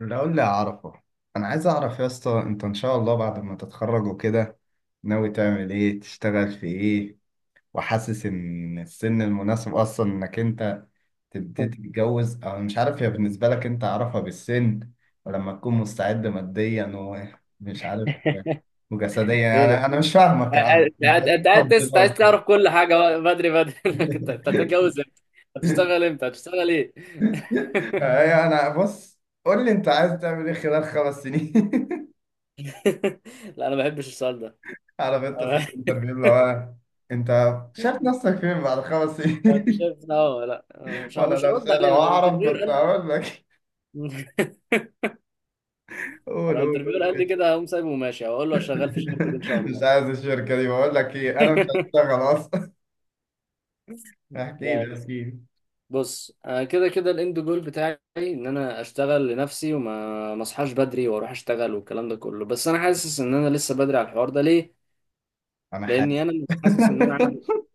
لو اللي أعرفه، أنا عايز أعرف يا اسطى، أنت إن شاء الله بعد ما تتخرج وكده ناوي تعمل إيه؟ تشتغل في إيه؟ وحاسس إن السن المناسب أصلا إنك أنت تبتدي تتجوز، أو مش عارف، هي بالنسبة لك أنت أعرفها بالسن، ولما تكون مستعد ماديا، ومش عارف، وجسديا. يعني ليه؟ أنا مش فاهمك يا عم، انت أنت قاعد ليه أنت عايز تفضيلات؟ تعرف كل حاجه بقى بدري بدري. انك أنت هتتجوز امتى؟ هتشتغل امتى؟ هتشتغل ايه؟ أنا بص قول لي أنت عايز تعمل إيه خلال 5 سنين؟ لا، انا ما بحبش السؤال ده. عارف انت ساعة الانترفيو اللي هو، انت شايف نفسك فين بعد خمس انت سنين شايف إن هو؟ لا، مش ه- وانا مش لو هرد لو علينا لو اعرف انترفيور كنت قال؟ هقول لك. قول لو قول انترفيور قال لي قول. كده، هقوم سايبه وماشي، هقول له شغال في الشركه دي ان شاء مش الله. عايز الشركة دي، بقول لك ايه، انا مش هشتغل اصلا. احكي لا، لي احكي لي. بص، انا كده كده الاند جول بتاعي ان انا اشتغل لنفسي، وما ما اصحاش بدري واروح اشتغل والكلام ده كله، بس انا حاسس ان انا لسه بدري على الحوار ده، ليه؟ انا لاني حاسس. انا مش حاسس ان انا عندي.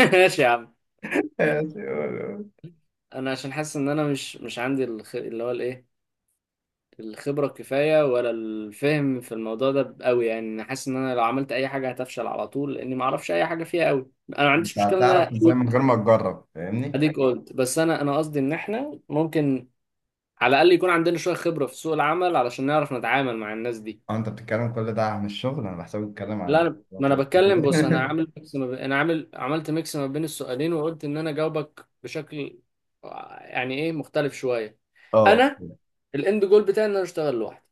ماشي يا عم. ماشي، قول قول. انا عشان حاسس ان انا مش عندي اللي هو الايه، الخبره الكفايه، ولا الفهم في الموضوع ده قوي. يعني انا حاسس ان انا لو عملت اي حاجه هتفشل على طول، لاني ما اعرفش اي حاجه فيها قوي. انا ما عنديش انت مشكله ان انا هتعرف ازاي من اقول غير ما تجرب؟ فاهمني. اديك قلت، بس انا قصدي ان احنا ممكن على الاقل يكون عندنا شويه خبره في سوق العمل علشان نعرف نتعامل مع الناس دي. اه، انت بتتكلم كل ده عن الشغل؟ انا بحسبك بتتكلم لا، عن أنا ما انا الاختلاطات. بتكلم. بص، انا عامل ميكس ما بين انا عملت ميكس ما بين السؤالين، وقلت ان انا جاوبك بشكل يعني ايه، مختلف شويه. اه، انا الاند جول بتاعي ان انا اشتغل لوحدي،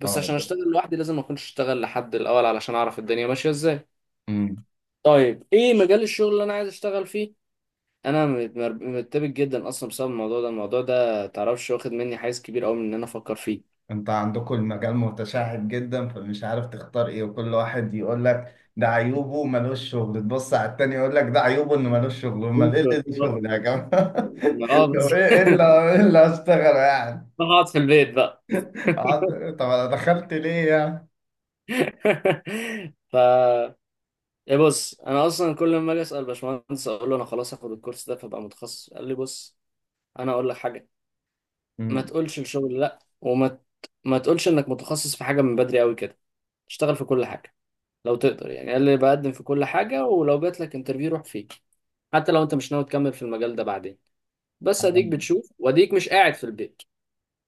بس اه. عشان اشتغل لوحدي لازم ما اكونش اشتغل لحد الاول علشان اعرف الدنيا ماشيه ازاي. أمم. طيب، ايه مجال الشغل اللي انا عايز اشتغل فيه؟ انا مرتبك جدا اصلا بسبب الموضوع ده، الموضوع ده تعرفش واخد مني حيز كبير قوي من ان انا افكر فيه. انت عندكم المجال متشعب جدا، فمش عارف تختار ايه. وكل واحد يقول لك ده عيوبه ملوش شغل، تبص على التاني يقول لك ده عيوبه انه ملوش شغل، امال ايه اللي ليه شغل يا جماعه؟ اه طب بس. ايه اللي هشتغله يعني؟ بقعد في البيت بقى. طب انا دخلت ليه يعني؟ ف يا بص، انا اصلا كل ما اجي اسال باشمهندس، اقول له انا خلاص هاخد الكورس ده فبقى متخصص، قال لي بص، انا اقول لك حاجه، ما مم. تقولش الشغل لا، وما ما تقولش انك متخصص في حاجه من بدري قوي كده، اشتغل في كل حاجه لو تقدر. يعني قال لي بقدم في كل حاجه ولو جات لك انترفيو روح فيه، حتى لو انت مش ناوي تكمل في المجال ده بعدين، بس حب اديك بتشوف واديك مش قاعد في البيت.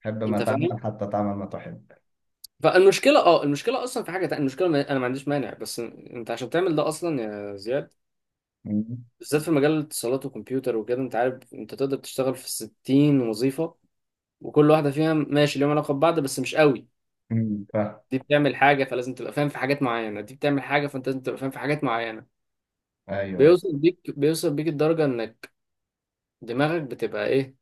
حب ما انت تعمل فاهم؟ حتى تعمل ما تحب. فالمشكله اه المشكله اصلا في حاجه تانية. المشكله، انا ما عنديش مانع، بس انت عشان تعمل ده اصلا يا زياد، مم. بالذات في مجال الاتصالات وكمبيوتر وكده، انت عارف انت تقدر تشتغل في 60 وظيفة، وكل واحدة فيها ماشي ليهم علاقة ببعض بس مش قوي. مم. فاهم. دي بتعمل حاجة فلازم تبقى فاهم في حاجات معينة، دي بتعمل حاجة فانت لازم تبقى فاهم في حاجات معينة. ايوه ايوه. بيوصل بيك الدرجة انك دماغك بتبقى ايه،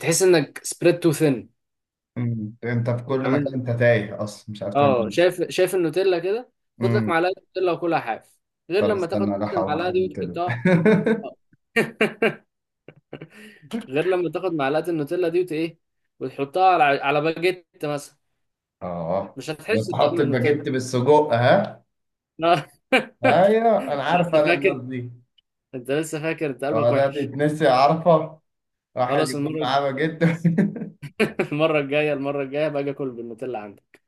تحس انك spread too thin. مم. انت في كل مكان، عامل، انت تايه اصلا مش عارف تعمل اه، ايه. شايف النوتيلا كده؟ خد لك مم. معلقة نوتيلا وكلها حاف، غير طب لما استنى، تاخد نفس راح اقوم المعلقة دي اخد كده. وتحطها. اه. غير لما تاخد معلقة النوتيلا دي وت ايه، وتحطها على على باجيت مثلا، اه. مش هتحس وتحط بطعم النوتيلا. الباجيت بالسجق، ها؟ آه. ايوه انا عارف لسه انا الناس فاكر؟ دي. انت لسه فاكر، انت قلبك اه ده وحش. تتنسي، عارفه، واحد خلاص، يكون المرة. معاه باجيت. المرة الجاية باجي اكل بالنوتيلا عندك.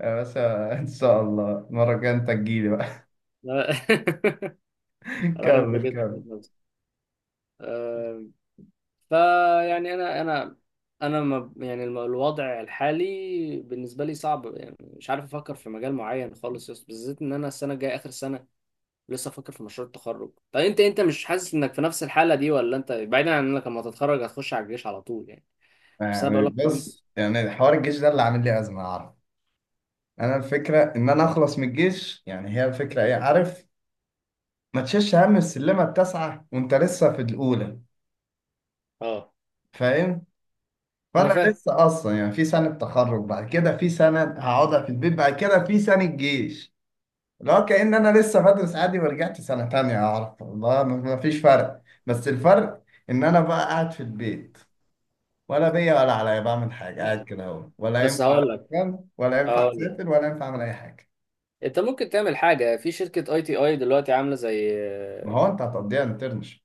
يا باشا، ان شاء الله المره الجايه انت تجيلي بقى. لا. اروح كمل الباجيت كمل. ذات نفسه. آه، فيعني انا ما يعني الوضع الحالي بالنسبة لي صعب، يعني مش عارف افكر في مجال معين خالص، بالذات ان انا السنة الجاية اخر سنة، لسه افكر في مشروع التخرج. طب انت، انت مش حاسس انك في نفس الحالة دي، ولا انت بعيدا عن انك لما تتخرج هتخش على الجيش على طول يعني؟ بس انا يعني بقول لك، بص، يعني حوار الجيش ده اللي عامل لي ازمه، عارف. انا الفكره ان انا اخلص من الجيش، يعني هي الفكره ايه، عارف. ما تشيلش هم السلمه التاسعه وانت لسه في الاولى. اه فاهم. انا فانا فاهم، لسه اصلا، يعني في سنه تخرج، بعد كده في سنه هقعدها في البيت، بعد كده في سنه جيش. لا كأن انا لسه بدرس عادي ورجعت سنه تانية، اعرف والله ما فيش فرق، بس الفرق ان انا بقى قاعد في البيت، ولا بيا ولا عليا، بعمل حاجه قاعد كده اهو. ولا بس ينفع هقول لك أشتغل، ولا ينفع هقول لك اسافر، ولا ينفع اعمل اي حاجه. انت ممكن تعمل حاجه في شركه اي تي اي دلوقتي، عامله زي ما هو انت هتقضيها انترنشيب.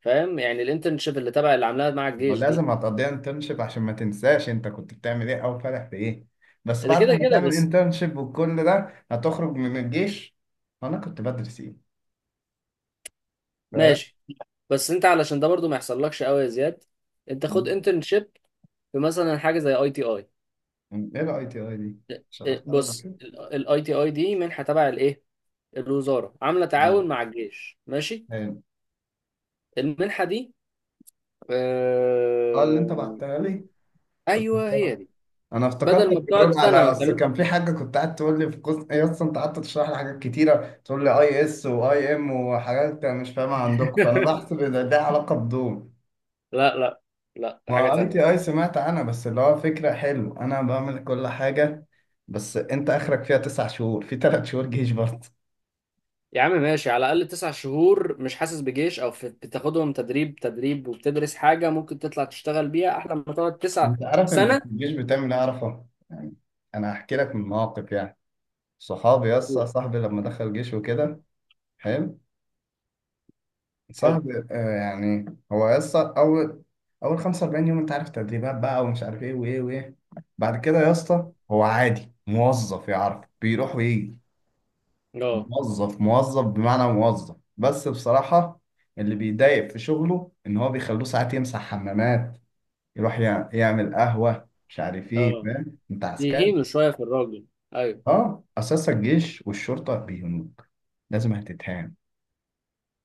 فاهم؟ يعني الانترنشيب اللي تبع اللي عاملاها مع ما هو الجيش دي، لازم هتقضيها انترنشيب، عشان ما تنساش انت كنت بتعمل ايه، او فرح في ايه. بس ده بعد كده ما كده. تعمل بس انترنشيب والكل ده هتخرج من الجيش. انا كنت بدرس ايه؟ فاهم. ماشي. بس انت علشان ده برضو ما يحصلكش قوي يا زياد، انت خد انترنشيب في مثلا حاجه زي اي تي اي. ايه الـITI دي؟ شرحتها لك بص، بكده. الاي تي اي دي منحه تبع الايه، الوزاره عامله مم. تعاون مع الجيش، ماشي؟ حلو. المنحه دي، اه اللي انت آه... بعتها لي. ايوه، هي افتكرتها. دي. انا بدل افتكرتك ما بتقعد بتقول على سنه ما اصل بتعمل. كان في حاجه، كنت قاعد تقول لي في قسم ايه اصلا. انت قعدت تشرح لي حاجات كتيره، تقول لي ISYM وحاجات انا مش فاهمها عندكم، فانا بحسب ان ده علاقه بدول. لا لا، لا، ده حاجة ما اي تانية. تي اي سمعت عنها، بس اللي هو فكرة حلو، انا بعمل كل حاجة. بس انت اخرك فيها 9 شهور، في 3 شهور جيش برضه. يا عم ماشي، على الأقل 9 شهور مش حاسس بجيش، أو في بتاخدهم تدريب تدريب وبتدرس حاجة ممكن تطلع تشتغل بيها، أحلى ما تقعد تسع انت عارف انت في سنة الجيش بتعمل ايه؟ اعرفه يعني. انا هحكي لك من مواقف يعني. صحابي يسا و- صاحبي لما دخل جيش وكده. حلو. حلو. صاحبي آه يعني، هو يسا اول 45 يوم انت عارف تدريبات بقى، ومش عارف ايه وايه وايه. بعد كده يا اسطى هو عادي موظف، يعرف بيروح ويجي. اه موظف موظف بمعنى موظف، بس بصراحة اللي بيضايق في شغله إن هو بيخلوه ساعات يمسح حمامات، يروح يعمل قهوة، مش عارف إيه. اه، فاهم؟ أنت عسكري. يهينوا شوية في الراجل. أيوه، أه، أساس الجيش والشرطة بيهنوك، لازم هتتهان.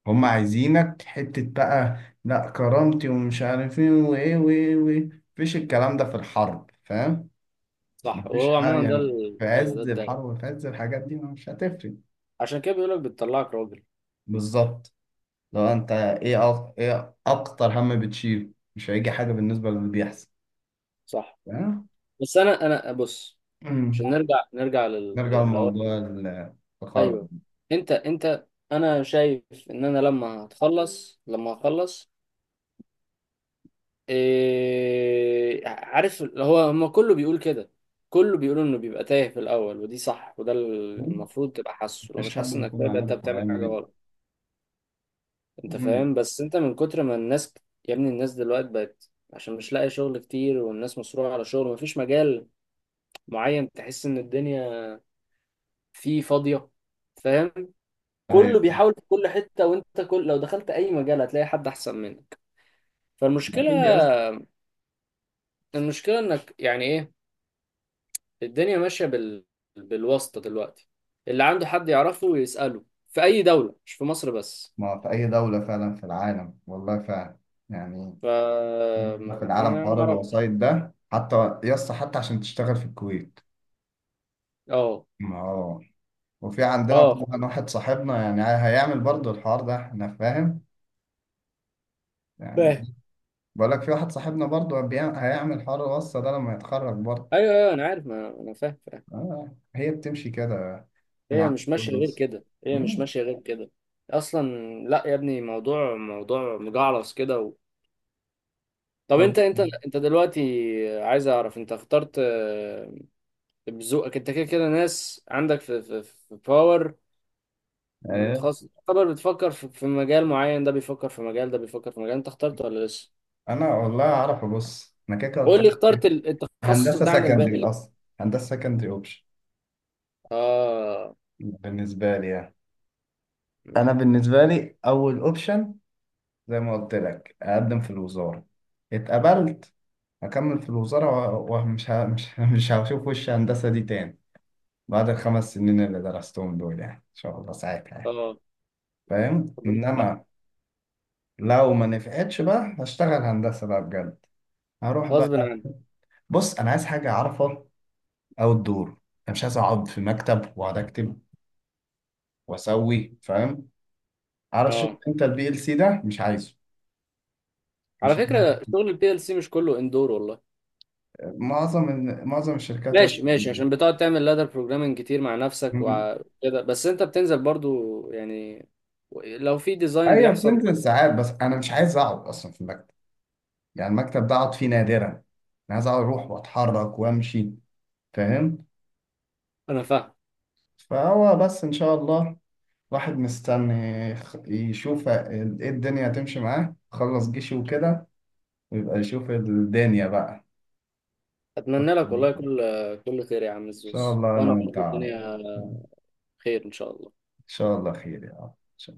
هم عايزينك حتة بقى. لا كرامتي ومش عارف إيه وإيه وإيه وإيه، مفيش الكلام ده في الحرب، فاهم؟ صح. مفيش وهو حاجة، عموما يعني في أيوه، ده عز الدايق، الحرب وفي عز الحاجات دي مش هتفرق. عشان كده بيقولك بتطلعك راجل. بالظبط. لو انت ايه، ايه اكتر هم بتشيله؟ مش هيجي حاجه بالنسبه للي بيحصل. صح. تمام. بس أنا بص، عشان أمم. نرجع نرجع لموضوع التخرج. أيوه. أنت أنا شايف إن أنا لما هخلص إيه عارف، هو هما كله بيقول كده، كله بيقول انه بيبقى تايه في الاول، ودي صح، وده أمم. المفروض تبقى حاسه، لو مفيش مش حد حاسس انك تايه بيكون يبقى انت عارف هو بتعمل هيعمل حاجه ايه. غلط. انت أمم. فاهم؟ بس انت من كتر ما الناس، يا ابني الناس دلوقتي بقت، عشان مش لاقي شغل كتير والناس مصروعه على شغل، مفيش مجال معين تحس ان الدنيا فيه فاضيه. فاهم؟ كله ايوه فعلا. بيحاول في كل حته، وانت كل لو دخلت اي مجال هتلاقي حد احسن منك. فالمشكله اكيد يا اسطى. المشكله انك، يعني ايه، الدنيا ماشية بالواسطة دلوقتي، اللي عنده حد يعرفه يسأله، في أي دولة مش في مصر بس. ما في اي دوله، فعلا في العالم، والله فعلا يعني، ف ما في العالم ما ما حوار أعرفش. الوسائط ده حتى. يا اسطى حتى عشان تشتغل في الكويت. أه ما هو وفي عندنا أه، طبعا فاهم واحد صاحبنا يعني هيعمل برضه الحوار ده، احنا فاهم فاهم. يعني. بقول لك في واحد صاحبنا برضه هيعمل حوار الوصلة ده لما يتخرج برضه. أيوه أيوه، أنا عارف، ما أنا فاهم فاهم. آه هي بتمشي كده في هي العالم مش ماشية كله غير بس. كده، هي مش مم. ماشية غير كده أصلا. لا يا ابني، موضوع مجعلص كده طب أو- أنت، أنت دلوقتي عايز أعرف، أنت اخترت، بذوقك أنت كده كده، ناس عندك في في باور، ايه متخصص تعتبر، بتفكر في في مجال معين، ده بيفكر في مجال، ده بيفكر في مجال، انت اخترت ولا لسه؟ انا والله اعرف، بص انا كده كده قلت قول لك، لي اخترت التخصص هندسة ده عن الباقي سكندري ليه؟ اصلا، هندسة سكندري اوبشن اه بالنسبة لي يعني. انا بالنسبة لي اول اوبشن زي ما قلت لك، اقدم في الوزارة، اتقبلت، هكمل في الوزارة، ومش ه... مش مش هشوف وش هندسة دي تاني بعد الـ5 سنين اللي درستهم دول، يعني ان شاء الله ساعتها يعني. اه. فاهم؟ طب انت بقى انما لو ما نفعتش بقى هشتغل هندسه بقى بجد، هروح غصب بقى. عنك. بص انا عايز حاجه اعرفها او الدور، انا مش عايز اقعد في مكتب واقعد اكتب واسوي، فاهم؟ عارف شفت اه، انت الـPLC ده مش عايزه. على مش، فكره شغل البي ال سي مش كله اندور والله. معظم الشركات يا اسطى. ماشي ماشي، عشان بتقعد تعمل لادر بروجرامنج كتير مع نفسك مم. وكده، بس انت بتنزل برضو يعني لو في ديزاين ايوه بيحصل بتنزل معاك. ساعات، بس انا مش عايز اقعد اصلا في المكتب. يعني المكتب ده اقعد فيه نادرا. انا عايز اقعد، اروح واتحرك وامشي، فاهم؟ انا فاهم. فهو بس ان شاء الله واحد مستني يشوف ال- ايه الدنيا هتمشي معاه، خلص جيشي وكده، ويبقى يشوف الدنيا بقى. اتمنى لك والله ان كل خير يا عم شاء الزوز، الله، انا وانا وانت برضو عارف الدنيا ان خير ان شاء الله. شاء الله خير يا رب.